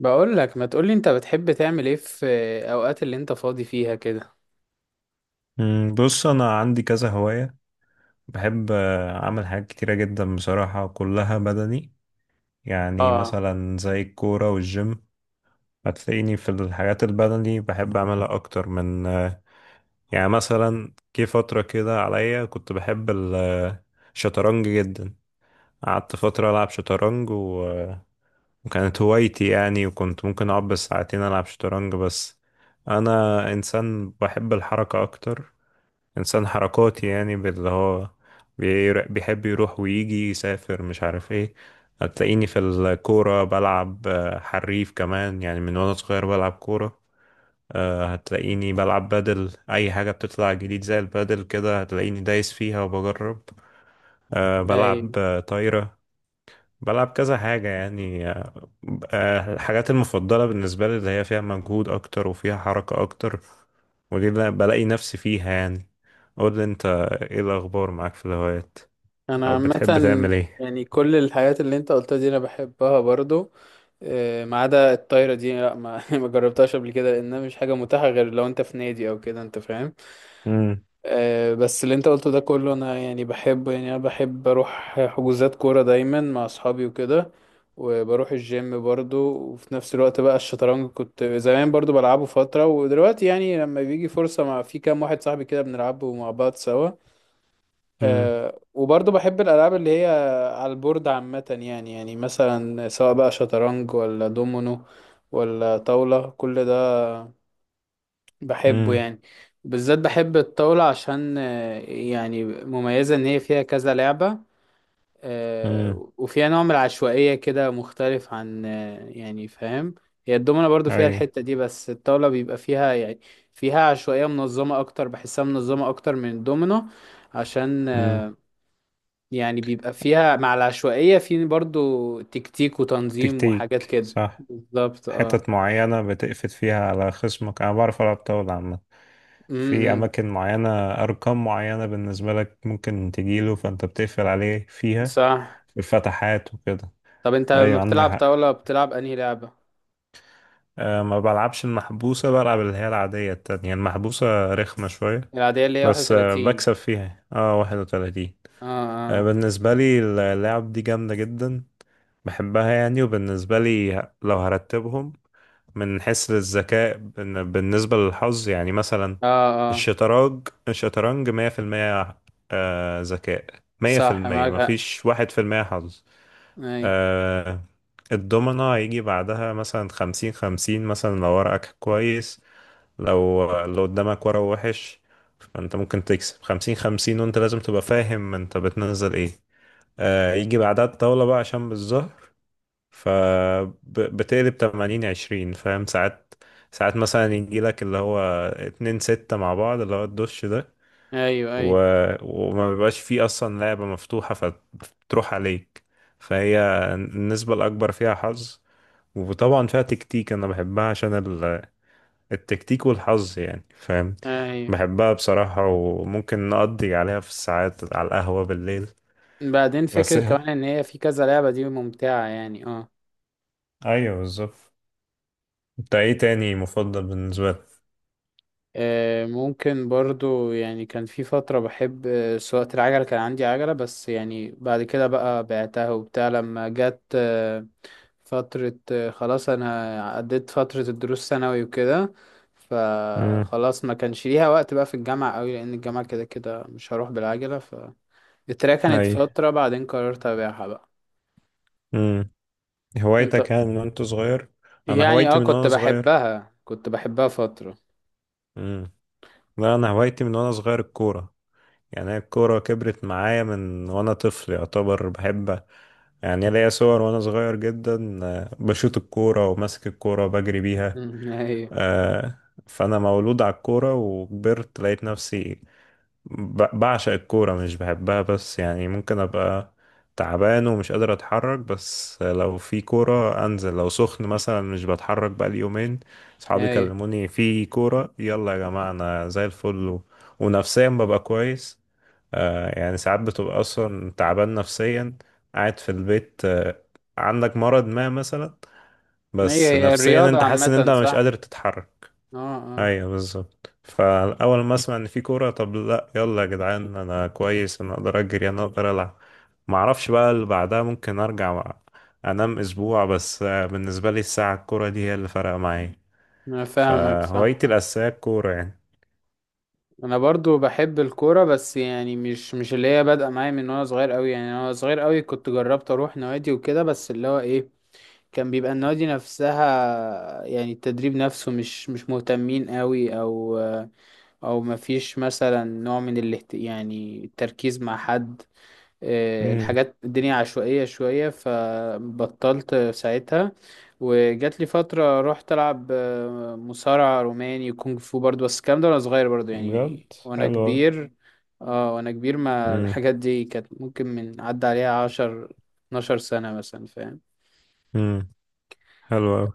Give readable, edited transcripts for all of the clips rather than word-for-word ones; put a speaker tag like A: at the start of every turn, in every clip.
A: بقول لك، ما تقولي انت بتحب تعمل ايه في اوقات اللي انت فاضي فيها كده؟
B: بص انا عندي كذا هواية. بحب اعمل حاجات كتيرة جدا بصراحة، كلها بدني. يعني
A: اه،
B: مثلا زي الكورة والجيم. هتلاقيني في الحاجات البدني بحب اعملها اكتر من يعني مثلا جه فترة كده عليا، كنت بحب الشطرنج جدا. قعدت فترة العب شطرنج و... آه، وكانت هوايتي يعني، وكنت ممكن اقعد بالساعتين العب شطرنج. بس انا انسان بحب الحركة اكتر، انسان حركاتي يعني باللي هو بيحب يروح ويجي يسافر، مش عارف ايه. هتلاقيني في الكورة بلعب حريف كمان، يعني من وانا صغير بلعب كورة. هتلاقيني بلعب بدل اي حاجة بتطلع جديد، زي البدل كده هتلاقيني دايس فيها وبجرب. بلعب
A: اي.
B: طايرة. بلعب كذا حاجة يعني آه، آه، الحاجات المفضلة بالنسبة لي، اللي هي فيها مجهود أكتر وفيها حركة أكتر، ودي اللي أنا بلاقي نفسي فيها يعني. قول لي أنت، إيه الأخبار معاك في الهوايات؟
A: انا
B: أو بتحب
A: عامه
B: تعمل إيه؟
A: يعني كل الحاجات اللي انت قلتها دي انا بحبها برضو. ما عدا الطايره دي، لا ما ما جربتهاش قبل كده، لانها مش حاجه متاحه غير لو انت في نادي او كده، انت فاهم.
B: مم.
A: بس اللي انت قلته ده كله انا يعني بحبه، يعني انا بحب اروح حجوزات كورة دايما مع اصحابي وكده، وبروح الجيم برضو، وفي نفس الوقت بقى الشطرنج كنت زمان برضو بلعبه فترة، ودلوقتي يعني لما بيجي فرصة مع في كام واحد صاحبي كده بنلعبه مع بعض سوا.
B: مم.
A: أه، وبرضو بحب الألعاب اللي هي على البورد عامة، يعني مثلا سواء بقى شطرنج ولا دومينو ولا طاولة كل ده بحبه
B: مم.
A: يعني. بالذات بحب الطاولة، عشان يعني مميزة إن هي فيها كذا لعبة.
B: مم.
A: وفيها نوع من العشوائية كده، مختلف عن يعني، فاهم. هي الدومنة برضو فيها
B: أي.
A: الحتة دي، بس الطاولة بيبقى فيها يعني فيها عشوائية منظمة أكتر، بحسها منظمة أكتر من الدومنة، عشان
B: مم.
A: يعني بيبقى فيها مع العشوائية في برضو تكتيك وتنظيم وحاجات
B: تكتيك
A: كده
B: صح.
A: بالظبط، اه.
B: حتت معينة بتقفت فيها على خصمك، أنا بعرف ألعب طاولة عامة،
A: م
B: في
A: -م.
B: أماكن معينة. أرقام معينة بالنسبة لك ممكن تجيله فأنت بتقفل عليه فيها،
A: صح.
B: في الفتحات وكده.
A: طب انت لما
B: أيوة، عندك
A: بتلعب
B: حق.
A: طاولة بتلعب انهي لعبة؟
B: أه، ما بلعبش المحبوسة، بلعب اللي هي العادية التانية، يعني المحبوسة رخمة شوية.
A: العادية اللي هي
B: بس
A: 31.
B: بكسب فيها 31.
A: اه،
B: أه،
A: اه،
B: بالنسبة لي اللعب دي جامدة جدا، بحبها يعني. وبالنسبة لي، لو هرتبهم من حيث الذكاء بالنسبة للحظ، يعني مثلا
A: اه، اه،
B: الشطرنج 100% ذكاء. مية في
A: صح،
B: المية
A: معاك حق،
B: مفيش 1% حظ.
A: اي،
B: آه، الدومنة هيجي بعدها مثلا 50-50، مثلا لو ورقك كويس. لو قدامك ورق وحش، فانت ممكن تكسب 50-50، وانت لازم تبقى فاهم انت بتنزل ايه. يجي بعدها الطاولة بقى عشان بالظهر، فبتقلب 80-20 فاهم. ساعات مثلا يجيلك اللي هو 2-6 مع بعض، اللي هو الدش ده
A: ايوه،
B: و...
A: ايوه،
B: وما بيبقاش فيه أصلا لعبة مفتوحة فتروح عليك. فهي النسبة الأكبر فيها حظ، وطبعا فيها تكتيك. أنا بحبها عشان التكتيك والحظ، يعني فاهم.
A: ايوه.
B: بحبها بصراحة، وممكن نقضي عليها في الساعات على القهوة بالليل.
A: بعدين
B: بس
A: فكرة كمان ان هي في كذا لعبة، دي ممتعة يعني، اه.
B: أيوه بالظبط. انت ايه تاني مفضل بالنسبة
A: ممكن برضو، يعني كان في فترة بحب سواقة العجلة، كان عندي عجلة بس يعني بعد كده بقى بعتها وبتاع، لما جت فترة، خلاص انا عديت فترة الدروس ثانوي وكده،
B: لك؟
A: فخلاص ما كانش ليها وقت بقى في الجامعة قوي، لان الجامعة كده كده مش هروح بالعجلة. التراك كانت
B: اي.
A: فترة، بعدين قررت أبيعها بقى.
B: امم.
A: انت؟
B: هوايتك كان من وانت صغير؟ انا
A: يعني
B: هوايتي
A: اه،
B: من
A: كنت
B: وانا صغير.
A: بحبها، كنت بحبها فترة.
B: امم. لا، انا هوايتي من وانا صغير الكوره. يعني هي الكوره كبرت معايا من وانا طفل يعتبر، بحب. يعني ليا صور وانا صغير جدا، بشوط الكوره وماسك الكوره بجري بيها.
A: مم، هي
B: آه، فانا مولود على الكوره، وكبرت لقيت نفسي بعشق الكورة، مش بحبها بس. يعني ممكن أبقى تعبان ومش قادر أتحرك، بس لو في كورة أنزل. لو سخن مثلا مش بتحرك بقالي يومين، صحابي
A: هي.
B: كلموني في كورة يلا يا جماعة، أنا زي الفل. ونفسيا ببقى كويس. يعني ساعات بتبقى أصلا تعبان نفسيا، قاعد في البيت. عندك مرض ما مثلا،
A: هي
B: بس نفسيا
A: الرياضة
B: أنت حاسس إن أنت
A: عامة،
B: مش
A: صح،
B: قادر تتحرك.
A: اه، اه.
B: ايوه بالظبط. فاول ما اسمع ان في كوره طب لا يلا يا جدعان، انا كويس، انا اقدر اجري، انا اقدر العب. ما اعرفش بقى اللي بعدها، ممكن ارجع بقى انام اسبوع. بس بالنسبه لي الساعه الكوره دي هي اللي فرق معايا،
A: أنا فاهمك، صح.
B: فهوايتي الاساسيه الكوره يعني.
A: أنا برضو بحب الكورة، بس يعني مش اللي هي بادئة معايا من وأنا صغير أوي، يعني أنا وأنا صغير أوي كنت جربت أروح نوادي وكده، بس اللي هو إيه، كان بيبقى النوادي نفسها يعني التدريب نفسه مش مهتمين أوي، أو او مفيش مثلا نوع من يعني التركيز مع حد.
B: امم.
A: الحاجات الدنيا عشوائية شوية، فبطلت ساعتها. وجات لي فترة رحت ألعب مصارعة روماني وكونغ فو برضو، بس الكلام ده وأنا صغير برضو،
B: بجد
A: يعني وأنا
B: حلو أوي.
A: كبير، اه وأنا كبير، ما
B: امم.
A: الحاجات دي كانت ممكن من عدى عليها 10 12 سنة مثلا، فاهم.
B: امم. حلو قوي.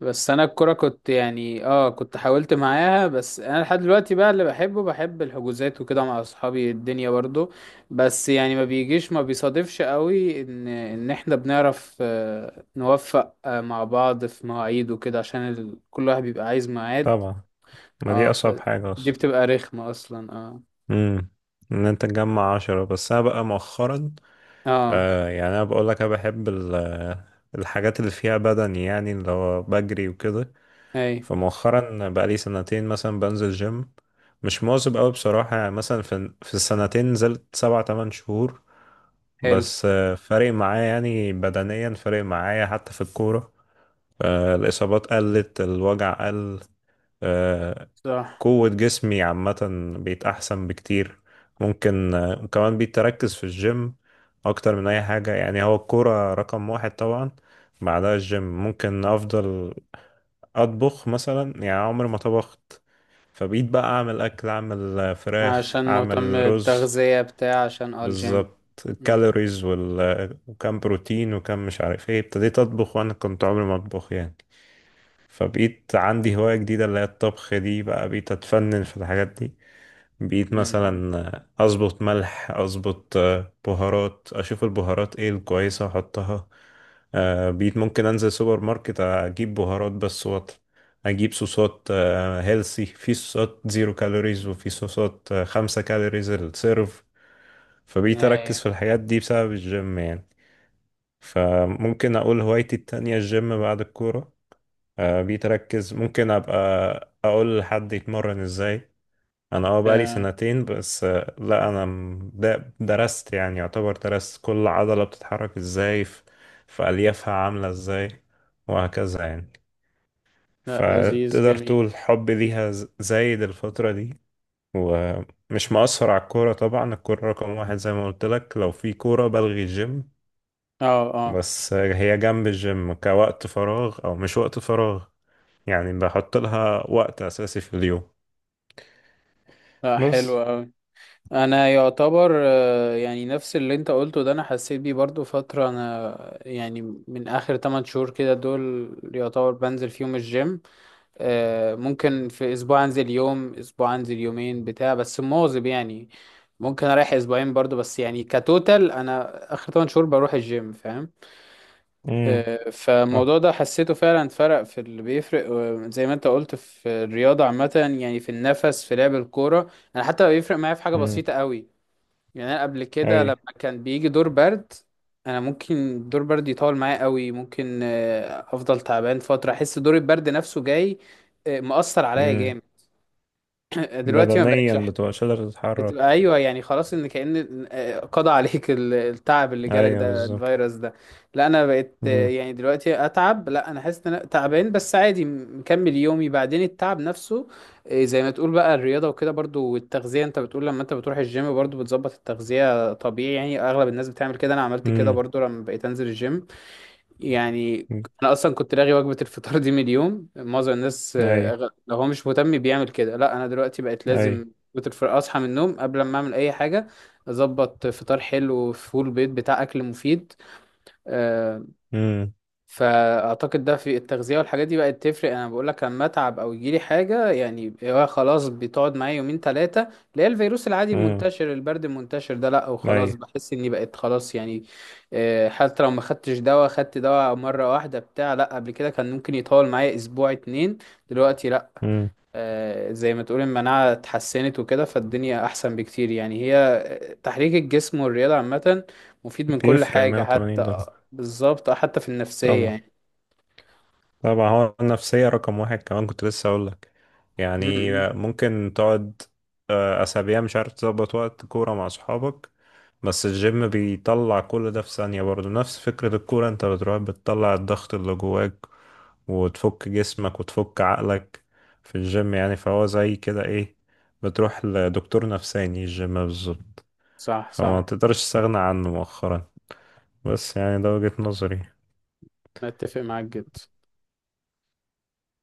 A: بس انا الكرة كنت يعني اه، كنت حاولت معاها، بس انا لحد دلوقتي بقى اللي بحبه بحب الحجوزات وكده مع اصحابي الدنيا برضو. بس يعني ما بيجيش، ما بيصادفش قوي ان احنا بنعرف نوفق مع بعض في مواعيد وكده، عشان كل واحد بيبقى عايز ميعاد.
B: طبعا، ما دي
A: اه
B: اصعب
A: فدي
B: حاجه اصلا.
A: بتبقى رخمة اصلا، اه.
B: امم. ان انت تجمع 10. بس انا بقى مؤخرا،
A: اه،
B: يعني انا بقول لك انا بحب الحاجات اللي فيها بدن، يعني اللي هو بجري وكده.
A: اي،
B: فمؤخرا بقى لي سنتين مثلا بنزل جيم، مش مواظب قوي بصراحة. يعني مثلا في السنتين نزلت سبع تمن شهور،
A: حلو،
B: بس فارق معايا. يعني بدنيا فارق معايا حتى في الكورة، الإصابات قلت، الوجع قل، آه،
A: صح.
B: قوة جسمي عامة بقيت أحسن بكتير. ممكن. وكمان بقيت أركز في الجيم أكتر من أي حاجة. يعني هو الكورة رقم واحد طبعا، بعدها الجيم. ممكن أفضل أطبخ مثلا، يعني عمري ما طبخت، فبقيت بقى أعمل أكل، أعمل فراخ،
A: عشان مهتم
B: أعمل رز.
A: التغذية بتاع، عشان اه الجيم؟
B: بالظبط
A: امم،
B: الكالوريز وال... آه، وكم بروتين وكم، مش عارف ايه. ابتديت أطبخ وأنا كنت عمري ما أطبخ يعني. فبقيت عندي هواية جديدة اللي هي الطبخ دي، بقى بقيت أتفنن في الحاجات دي. بقيت
A: امم،
B: مثلا اظبط ملح، اظبط بهارات، اشوف البهارات ايه الكويسه احطها. بقيت ممكن انزل سوبر ماركت اجيب بهارات بس وط، اجيب صوصات هيلسي. في صوصات زيرو كالوريز، وفي صوصات 5 كالوريز السيرف. فبقيت
A: اي،
B: اركز في الحاجات دي بسبب الجيم يعني. فممكن اقول هوايتي التانية الجيم بعد الكورة. بقيت اركز، ممكن ابقى اقول لحد يتمرن ازاي. انا بقالي سنتين بس. لا انا درست، يعني يعتبر درست كل عضلة بتتحرك ازاي، في في اليافها عاملة ازاي، وهكذا يعني.
A: لا لذيذ،
B: فتقدر
A: جميل،
B: تقول حبي ليها زايد الفترة دي. ومش مقصر على الكورة طبعا، الكورة رقم واحد زي ما قلت لك، لو في كورة بلغي الجيم.
A: اه، اه،
B: بس هي جنب الجيم كوقت فراغ او مش وقت فراغ، يعني بحط لها وقت اساسي في اليوم.
A: لا
B: بس.
A: حلو اوي. انا يعتبر، يعني نفس اللي انت قلته ده انا حسيت بيه برضو فترة، انا يعني من اخر 8 شهور كده دول يعتبر بنزل فيهم الجيم. ممكن في اسبوع انزل يوم، اسبوع انزل يومين بتاع، بس مواظب يعني. ممكن اريح اسبوعين برضو، بس يعني كتوتال انا اخر 8 شهور بروح الجيم، فاهم.
B: امم.
A: فالموضوع ده حسيته فعلا، فرق في اللي بيفرق، زي ما انت قلت في الرياضة عامة، يعني في النفس، في لعب الكورة. انا حتى بيفرق معايا في حاجة
B: امم.
A: بسيطة قوي. يعني انا قبل كده لما كان بيجي دور برد، انا ممكن دور برد يطول معايا قوي، ممكن افضل تعبان فترة، احس دور البرد نفسه جاي، مأثر عليا
B: اي.
A: جامد. دلوقتي ما بقتش
B: بدنيا بتبقاش قادر
A: بتبقى،
B: تتحرك.
A: ايوه يعني خلاص ان كأن قضى عليك التعب اللي جالك
B: ايوه
A: ده،
B: بالظبط.
A: الفيروس ده. لا انا بقيت،
B: امم.
A: يعني دلوقتي اتعب، لا انا حاسس ان انا تعبان بس عادي، مكمل يومي، بعدين التعب نفسه زي ما تقول بقى الرياضه وكده برضو، والتغذيه انت بتقول لما انت بتروح الجيم برضو بتظبط التغذيه، طبيعي يعني اغلب الناس بتعمل كده، انا عملت كده
B: امم.
A: برضو لما بقيت انزل الجيم يعني. انا اصلا كنت لاغي وجبه الفطار دي من اليوم، معظم الناس
B: اي.
A: لو هو مش مهتم بيعمل كده، لا انا دلوقتي بقت
B: اي.
A: لازم وجبه الفطار، اصحى من النوم قبل ما اعمل اي حاجه، اظبط فطار حلو وفول بيض بتاع، اكل مفيد. آه،
B: امم.
A: فاعتقد ده في التغذيه والحاجات دي بقت تفرق، انا بقول لك لما اتعب او يجيلي حاجه يعني، هو خلاص بتقعد معايا يومين ثلاثه اللي هي الفيروس العادي
B: امم.
A: المنتشر، البرد المنتشر ده، لا
B: اي.
A: وخلاص بحس اني بقيت خلاص يعني. حتى لو ما خدتش دواء، خدت دواء مره واحده بتاع، لا قبل كده كان ممكن يطول معايا اسبوع اتنين. دلوقتي لا.
B: امم.
A: زي ما تقول المناعه اتحسنت وكده، فالدنيا احسن بكتير، يعني هي تحريك الجسم والرياضه عامه مفيد من كل
B: بيفرق
A: حاجه،
B: 180
A: حتى
B: درجة.
A: بالظبط، حتى في النفسيه
B: طبعا،
A: يعني.
B: طبعا هو النفسية رقم واحد كمان، كنت لسه اقول لك.
A: م-
B: يعني
A: م.
B: ممكن تقعد اسابيع مش عارف تظبط وقت كورة مع اصحابك. بس الجيم بيطلع كل ده في ثانية، برضو نفس فكرة الكورة، انت بتروح بتطلع الضغط اللي جواك وتفك جسمك وتفك عقلك في الجيم. يعني فهو زي كده ايه، بتروح لدكتور نفساني، الجيم بالظبط.
A: صح،
B: فما
A: صح،
B: تقدرش تستغنى عنه مؤخرا، بس يعني ده وجهة نظري.
A: أنا أتفق معاك جدا.